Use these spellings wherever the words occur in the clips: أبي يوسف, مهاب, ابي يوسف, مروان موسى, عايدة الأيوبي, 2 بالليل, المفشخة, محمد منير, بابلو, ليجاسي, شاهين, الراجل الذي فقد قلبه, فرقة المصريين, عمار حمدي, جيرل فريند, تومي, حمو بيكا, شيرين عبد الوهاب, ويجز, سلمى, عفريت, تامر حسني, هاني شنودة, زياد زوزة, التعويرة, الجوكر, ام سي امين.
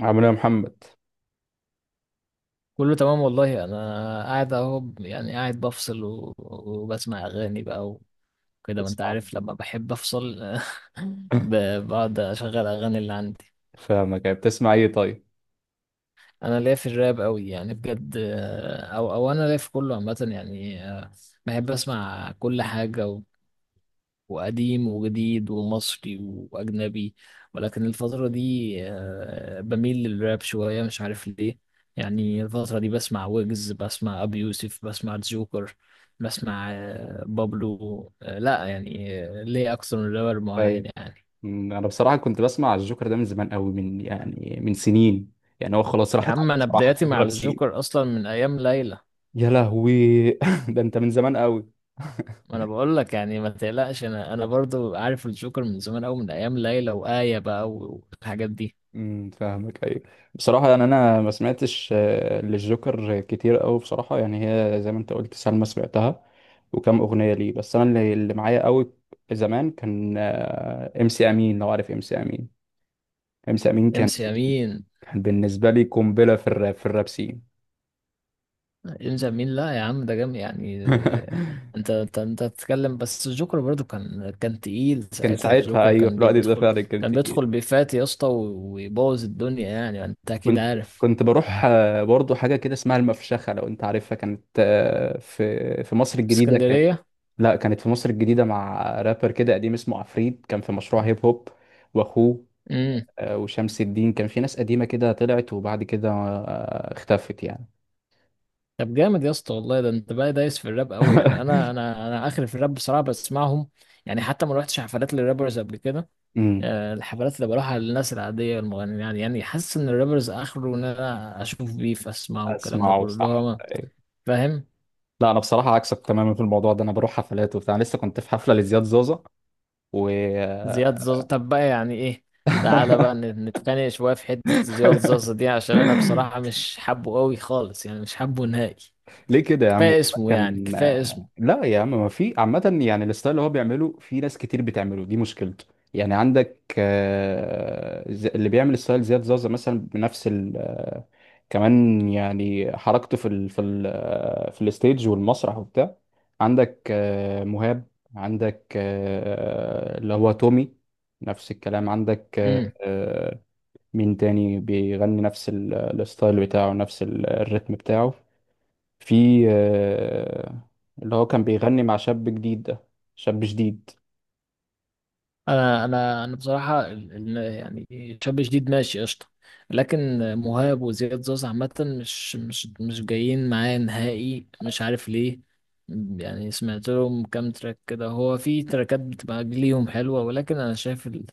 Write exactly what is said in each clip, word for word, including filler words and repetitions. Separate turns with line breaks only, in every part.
عامل ايه يا محمد؟
كله تمام والله. انا قاعد اهو، يعني قاعد بفصل و- وبسمع اغاني بقى وكده، ما انت
تسمع؟
عارف لما بحب افصل. ب- بقعد اشغل اغاني اللي عندي.
فاهمك. يعني بتسمع ايه طيب؟
انا ليا في الراب قوي يعني بجد، آه، او او انا ليا في كله عامه يعني، آه، بحب اسمع كل حاجه، وقديم وجديد ومصري وأجنبي. ولكن الفترة دي آه، بميل للراب شوية، مش عارف ليه. يعني الفترة دي بسمع ويجز، بسمع أبي يوسف، بسمع جوكر، بسمع آه، بابلو. آه، لا يعني، آه، ليه أكثر من رابر معين
طيب،
يعني.
أمم، انا بصراحه كنت بسمع الجوكر ده من زمان قوي، من يعني من سنين. يعني هو خلاص
يا
راحت
عم
عليه
أنا
بصراحه
بداياتي
في
مع
الراب سين.
الجوكر أصلا من أيام ليلى.
يا لهوي! ده انت من زمان قوي.
ما أنا بقول لك يعني ما تقلقش، أنا أنا برضو عارف الجوكر من زمان أوي من أيام ليلى وآية بقى والحاجات دي.
أمم، فاهمك، ايوه. بصراحه يعني انا ما سمعتش آه، للجوكر كتير قوي بصراحه، يعني هي زي ما انت قلت سلمى سمعتها وكم اغنيه ليه. بس انا اللي اللي معايا قوي زمان كان آه، ام سي امين، لو عارف ام سي امين. ام سي امين كان
امس امين،
كان بالنسبة لي قنبلة في الراب، في الراب سين.
يلجأ مين؟ لا يا عم، ده جامد يعني. انت انت انت بتتكلم، بس الجوكر برضو كان كان تقيل
كان
ساعتها.
ساعتها
الجوكر
أيوه، في
كان
الوقت ده
بيدخل،
فعلا
كان
كنت
بيدخل بيفات يا اسطى، و- ويبوظ الدنيا يعني. انت اكيد
كنت
عارف.
كنت بروح آه، برضه حاجة كده اسمها المفشخة، لو أنت عارفها. كانت آه، في في مصر الجديدة، كانت
اسكندرية.
لا كانت في مصر الجديدة مع رابر كده قديم اسمه عفريت، كان في مشروع هيب هوب وأخوه
امم
آه، وشمس الدين. كان في ناس قديمة كده طلعت وبعد كده آه، اختفت يعني.
طب جامد يا اسطى والله، ده انت بقى دايس في الراب قوي يعني. انا انا انا اخر في الراب بصراحة، بسمعهم يعني. حتى ما روحتش حفلات للرابرز قبل كده.
امم
آه، الحفلات اللي بروحها للناس العادية المغنيين يعني يعني حاسس ان الرابرز اخره ان انا اشوف بيف، اسمعه والكلام ده
اسمعه،
كله اللي
صح،
هو.
أيوة.
فاهم.
لا انا بصراحه عكسك تماما في الموضوع ده، انا بروح حفلات وبتاع، لسه كنت في حفله لزياد زوزه و
زياد زازا، طب بقى يعني ايه؟ تعالى بقى ن- نتخانق شوية في حتة زياد زازا دي، عشان انا بصراحة مش حابه قوي خالص يعني، مش حابه نهائي.
ليه كده يا عم؟
كفاية اسمه يعني
كان
كفاية
لا يا عم، ما في عامة، يعني الستايل اللي هو بيعمله في ناس كتير بتعمله، دي مشكلته. يعني عندك آه، ز- اللي بيعمل ستايل زياد زازا مثلا بنفس ال آه، كمان، يعني حركته في ال في ال آه، في الستيج والمسرح وبتاع. عندك آه، مهاب، عندك آه، اللي هو تومي، نفس الكلام. عندك آه،
اسمه.
آه، مين تاني بيغني نفس ال- الستايل بتاعه، نفس ال- الريتم بتاعه. في آه، اللي هو كان بيغني مع شاب جديد ده، شاب جديد.
انا انا انا بصراحه ال- ال- يعني شاب جديد ماشي قشطه، لكن مهاب وزياد زوز عامه مش مش مش جايين معايا نهائي، مش عارف ليه. يعني سمعت لهم كام تراك كده، هو في تراكات بتبقى ليهم حلوه، ولكن انا شايف ال-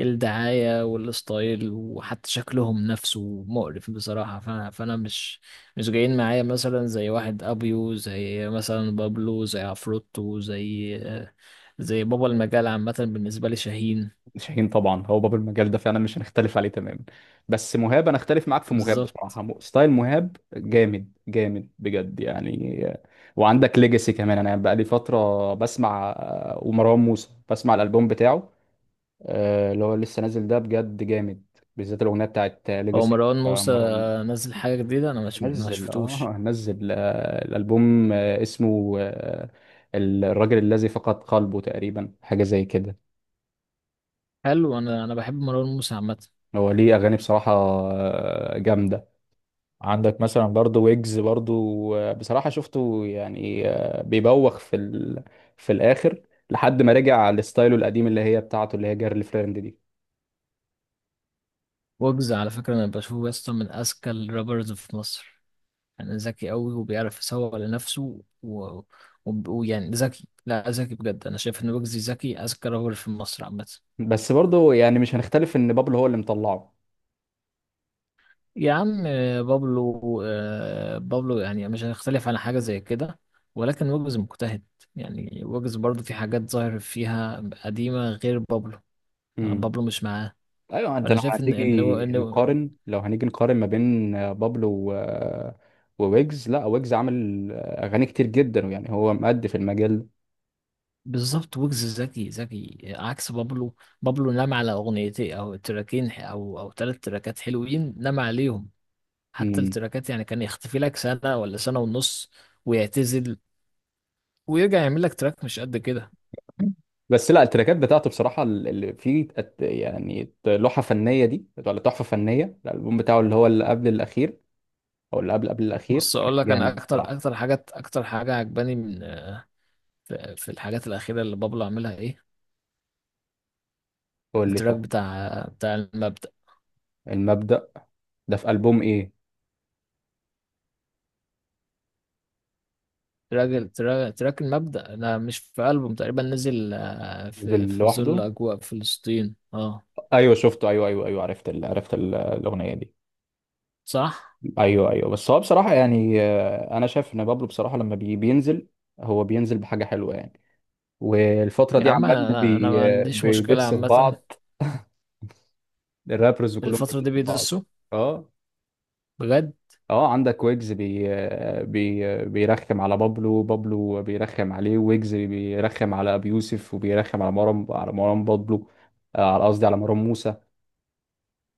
الدعايه والستايل وحتى شكلهم نفسه مقرف بصراحه. فانا فانا مش مش جايين معايا مثلا، زي واحد ابيو، زي مثلا بابلو، زي عفروتو، زي زي بابا المجال عامة بالنسبة لي، شاهين.
شاهين طبعا هو باب المجال ده، فعلا مش هنختلف عليه تماما. بس مهاب انا اختلف معاك في مهاب
بالظبط.
بصراحه. م- ستايل مهاب جامد، جامد بجد يعني آه، وعندك ليجاسي كمان. انا بقى لي فتره بسمع آه، ومروان موسى، بسمع الالبوم بتاعه آه، اللي هو لسه نازل ده، بجد جامد، بالذات الاغنيه بتاعت
هو
ليجاسي
مروان موسى
مروان موسى.
نزل حاجة جديدة؟ أنا مش ما
نزل
شفتوش.
اه، نزل آه، الالبوم آه، اسمه آه، الراجل الذي فقد قلبه تقريبا، حاجه زي كده.
حلو، أنا أنا بحب مروان موسى عامة.
هو ليه اغاني بصراحه آه، جامده. عندك مثلا برضو ويجز برضو آه، بصراحه شفته، يعني آه، بيبوخ في ال... في الاخر، لحد ما رجع لستايله القديم اللي هي بتاعته، اللي هي جيرل فريند دي.
ويجز على فكرة أنا بشوفه يسطا من أذكى الرابرز في مصر. يعني ذكي أوي وبيعرف يسوق لنفسه و... و... ويعني ذكي، لا ذكي بجد. أنا شايف إن ويجز ذكي، أذكى رابر في مصر عامة.
بس برضو يعني مش هنختلف ان بابلو هو اللي مطلعه.
يا عم آه، بابلو، آه، بابلو يعني مش هنختلف على حاجة زي كده، ولكن ويجز مجتهد. يعني ويجز برضه في حاجات ظاهر فيها قديمة غير بابلو. آه،
مم.
بابلو مش معاه.
ايوه، ده
فأنا
لو
شايف إن إن
هنيجي
هو- إن هو-
نقارن، لو هنيجي نقارن ما بين آه، بابلو و... آه، وويجز، لا ويجز عامل آه، اغاني كتير جدا، ويعني هو مأدي في المجال ده.
بالظبط، ويجز ذكي ذكي عكس بابلو. بابلو نام على أغنيتين أو تراكين ح- أو أو تلات تراكات حلوين نام عليهم. حتى
مم.
التراكات يعني كان يختفي لك سنة ولا سنة ونص، ويعتزل، ويرجع يعمل لك تراك مش قد كده.
بس لا، التراكات بتاعته بصراحه اللي فيه ات- يعني لوحه فنيه دي ولا تحفه فنيه، الالبوم بتاعه اللي هو اللي قبل الاخير او اللي قبل قبل الاخير
بص
كان
اقول لك، انا
جامد
اكتر
بصراحه.
اكتر حاجات اكتر حاجه عجباني من في في الحاجات الاخيره اللي بابلو عاملها ايه.
قول لي
التراك
طيب.
بتاع بتاع المبدأ.
المبدأ ده في ألبوم ايه؟
تراك التراك تراك المبدأ، انا مش في ألبوم تقريبا، نزل آه،
نزل
في في ظل
لوحده؟
اجواء فلسطين، اه.
ايوه شفته، ايوه ايوه ايوه، عرفت ال... عرفت ال- الاغنيه دي.
صح.
ايوه ايوه. بس هو بصراحه يعني آه، انا شايف ان بابلو بصراحه لما بي- بينزل، هو بينزل بحاجه حلوه يعني. والفتره
يا
دي
عم
عمال
انا انا
بي
ما
آه،
عنديش مشكله
بيدس في
عامه.
بعض، الرابرز كلهم
الفتره
بيدسوا
دي
في بعض.
بيدسوا
اه
بجد.
اه. عندك ويجز بي آه، بي آه، بيرخم على بابلو، بابلو بيرخم عليه، ويجز بيرخم على ابي يوسف، وبيرخم على مروان، على مروان بابلو آه، على قصدي على مروان موسى،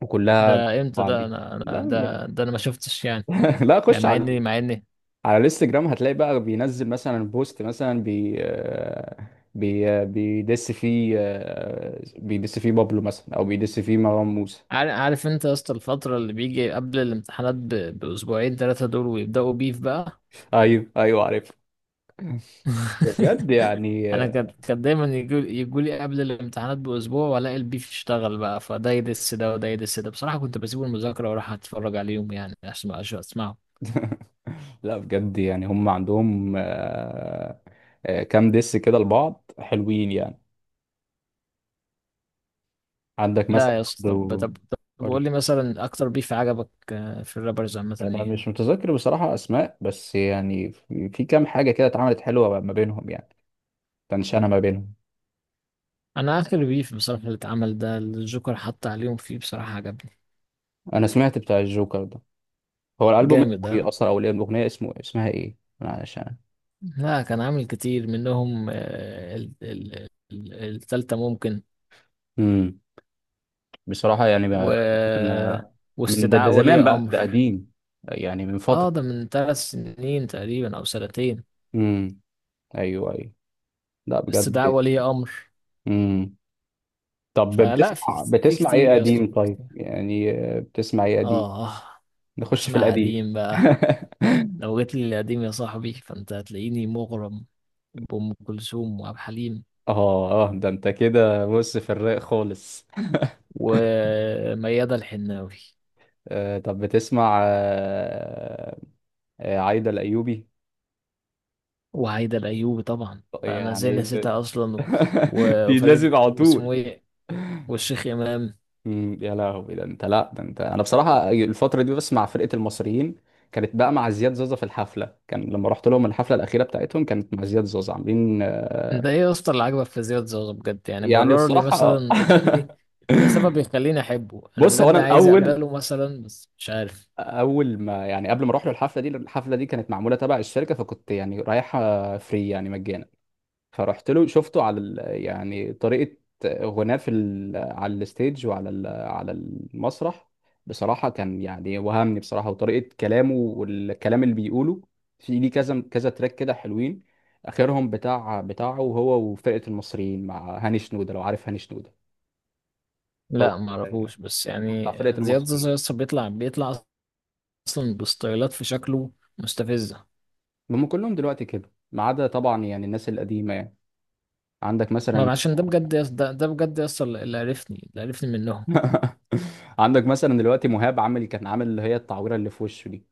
وكلها
ده امتى
بعض
ده؟
دي.
انا
لا
انا
من...
ده ده انا ما شفتش يعني.
لا،
يعني
خش
مع
على
اني مع اني
على الانستجرام، هتلاقي بقى بينزل مثلا بوست مثلا بي آه، بي آه، بيدس فيه آه، بيدس فيه بابلو مثلا او بيدس فيه مروان موسى.
عار- عارف انت يا اسطى الفترة اللي بيجي قبل الامتحانات ب- باسبوعين ثلاثة دول، ويبدأوا بيف بقى.
ايوه ايوه، عارف. بجد يعني
انا كان
آه،
كان دايما يجوا لي قبل الامتحانات باسبوع، والاقي البيف اشتغل بقى، فده يدس ده وده يدس ده. بصراحه كنت بسيب المذاكره واروح اتفرج عليهم يعني، عشان عشان اسمعهم.
لا بجد، يعني هم عندهم آه، آه، كام دس كده لبعض حلوين يعني. عندك مثلا
لا يا اسطى، طب
برضو-
طب طب،
قول
قول لي
لي.
مثلا اكتر بيف عجبك آه، في الرابرز عامه
انا
ايه؟
مش متذكر بصراحة اسماء، بس يعني في في كام حاجة كده اتعملت حلوة ما بينهم يعني، تنشانة ما بينهم.
انا اخر بيف بصراحه اللي اتعمل ده، اللي الجوكر حط عليهم فيه، بصراحه عجبني.
انا سمعت بتاع الجوكر ده، هو الالبوم اسمه
جامد
ايه
ده.
اصلا، او الاغنيه اسمه إيه؟ اسمها ايه؟ أنا علشان
لا كان عامل كتير منهم، آه، ال- ال- ال- التالتة ممكن.
امم بصراحه يعني
و
ما- ممكن آه، من ده، ده
واستدعاء ولي
زمان بقى، ده
امر.
قديم يعني، من
اه
فتره.
ده من ثلاث سنين تقريبا او سنتين.
امم ايوه ايوه. لا بجد.
استدعاء ولي امر.
امم طب
فلا
بتسمع،
في في
بتسمع
كتير
ايه
يا اسطى،
قديم
في
طيب؟
كتير.
يعني آه، بتسمع ايه قديم؟
اه
نخش في
بسمع
القديم.
قديم بقى. لو جيت لي القديم يا صاحبي فانت هتلاقيني مغرم بأم كلثوم وعبد الحليم
اه اه، ده انت كده بص في الرايق خالص.
وميادة الحناوي
آه طب بتسمع آه، آه عايدة الأيوبي.
وهيدا الأيوبي طبعا، فأنا ازاي
يعني
نسيتها أصلا. و-
دي لازم
وفريد
على
واسمه
طول.
ايه، والشيخ إمام.
مم، يا لهوي! ده انت، لا ده انت، انا بصراحه الفتره دي بس مع فرقه المصريين. كانت بقى مع زياد زوزة في الحفله، كان لما رحت لهم الحفله الاخيره بتاعتهم كانت مع زياد زوزة، عاملين آه،
انت ايه يا اسطى اللي عاجبك في زياد زوزو بجد يعني؟
يعني
برر لي
بصراحه آه.
مثلا، اديني اديني سبب يخليني احبه، انا
بص، هو انا
بجد عايز
الاول
اقبله مثلا بس مش عارف.
اول ما، يعني قبل ما اروح له الحفله دي، الحفله دي كانت معموله تبع الشركه، فكنت يعني رايحه فري يعني مجانا. فرحت له، شفته على ال... يعني طريقة غناه في ال... على الستيج، وعلى ال... على المسرح، بصراحة كان يعني وهمني بصراحة، وطريقة كلامه والكلام اللي بيقوله. في ليه كذا كذا تراك كده حلوين، آخرهم بتاع بتاعه هو وفرقة المصريين مع هاني شنودة، لو عارف هاني شنودة. هو
لا ما
ال-
اعرفوش بس
بتاع
يعني.
فرقة
زياد زوزو
المصريين.
يا اسطى بيطلع بيطلع اصلا بستايلات في شكله مستفزه.
هم كلهم دلوقتي كده ما عدا طبعا يعني الناس القديمة يعني. عندك مثلا
ما عشان ده بجد يا اسطى، ده, ده بجد يا اسطى اللي اللي عرفني اللي عرفني منهم.
عندك مثلا دلوقتي مهاب عامل، كان عامل اللي هي التعويرة اللي في وشه دي.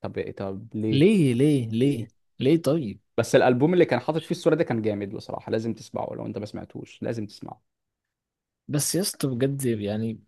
طب طب ليه؟
ليه ليه ليه؟
ليه؟
ليه طيب؟
بس الالبوم اللي كان حاطط فيه الصوره ده كان جامد بصراحه، لازم تسمعه. لو انت ما سمعتوش لازم تسمعه.
بس يا اسطى بجد يعني،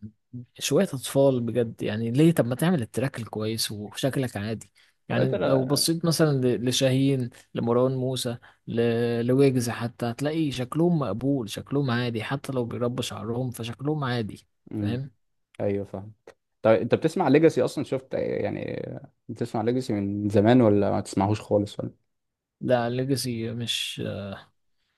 شوية أطفال بجد يعني. ليه؟ طب ما تعمل التراك الكويس وشكلك عادي.
طب انت
يعني لو
لا.
بصيت مثلا ل- لشاهين، لمروان موسى، ل- لويجز، حتى هتلاقي شكلهم مقبول، شكلهم عادي حتى لو بيربوا شعرهم فشكلهم عادي.
امم
فاهم.
ايوه، فاهم. طب انت بتسمع ليجاسي اصلا؟ شفت يعني، بتسمع ليجاسي من زمان، ولا ما تسمعهوش خالص، ولا؟
لا ليجاسي مش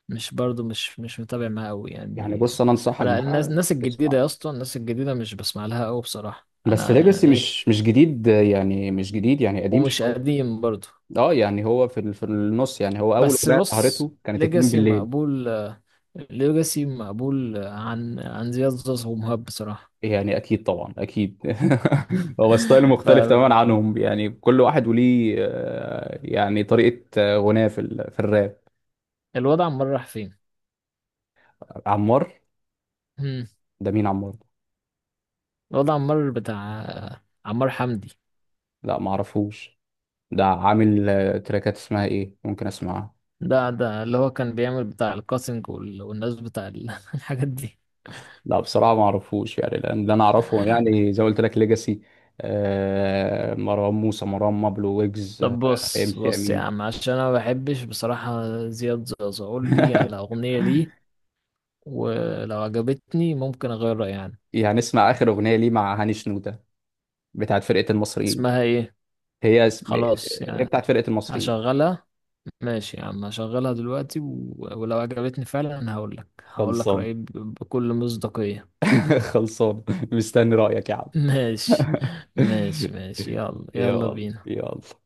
مش برضو مش مش متابع معاه أوي
يعني
يعني.
بص، انا انصحك
أنا الناس
بقى
الناس الجديدة
تسمع.
يا اسطى، الناس الجديدة مش بسمع لها أوي بصراحة.
بس
أنا أنا
ليجاسي
إيه؟
مش مش جديد يعني، مش جديد يعني، قديم
ومش
شويه.
قديم برضو.
اه يعني هو في ال- في النص، يعني هو اول
بس
اغنيه
بص،
ظهرته كانت اتنين
ليجاسي
بالليل.
مقبول، ليجاسي مقبول عن عن زياد زوز ومهاب بصراحة.
يعني اكيد طبعا اكيد. هو ستايل مختلف تماما عنهم يعني، كل واحد وليه آه، يعني طريقه آه، غناء في ال- في الراب.
فالوضع عمال راح فين؟
عمار؟
مم.
ده مين عمار ده؟
الوضع عمال بتاع. عمار حمدي.
لا، ما اعرفوش. ده عامل آه، تراكات اسمها ايه؟ ممكن اسمعها.
ده ده اللي هو كان بيعمل بتاع الكاسنج وال- والناس بتاع ال- الحاجات دي.
لا بصراحه ما اعرفوش يعني، لان اللي انا اعرفه يعني زي ما قلت لك ليجاسي، مروان موسى، مروان مابلو، ويجز آه،
طب
ام
بص
سي
بص يا
امين.
عم، عشان انا ما بحبش بصراحة زياد زوز، قول لي على اغنية ليه، ولو عجبتني ممكن اغير رأيي يعني.
يعني اسمع اخر اغنيه ليه مع هاني شنوده، بتاعت فرقه المصريين.
اسمها ايه؟
هي اسم،
خلاص
هي
يعني
بتاعت فرقة المصريين.
هشغلها. ماشي يا عم هشغلها دلوقتي، و... ولو عجبتني فعلا هقول لك هقول لك
خلصان.
رأيي ب- بكل مصداقية.
خلصان، مستني رأيك يا عم.
ماشي ماشي ماشي، يلا يلا
يلا
بينا.
يلا.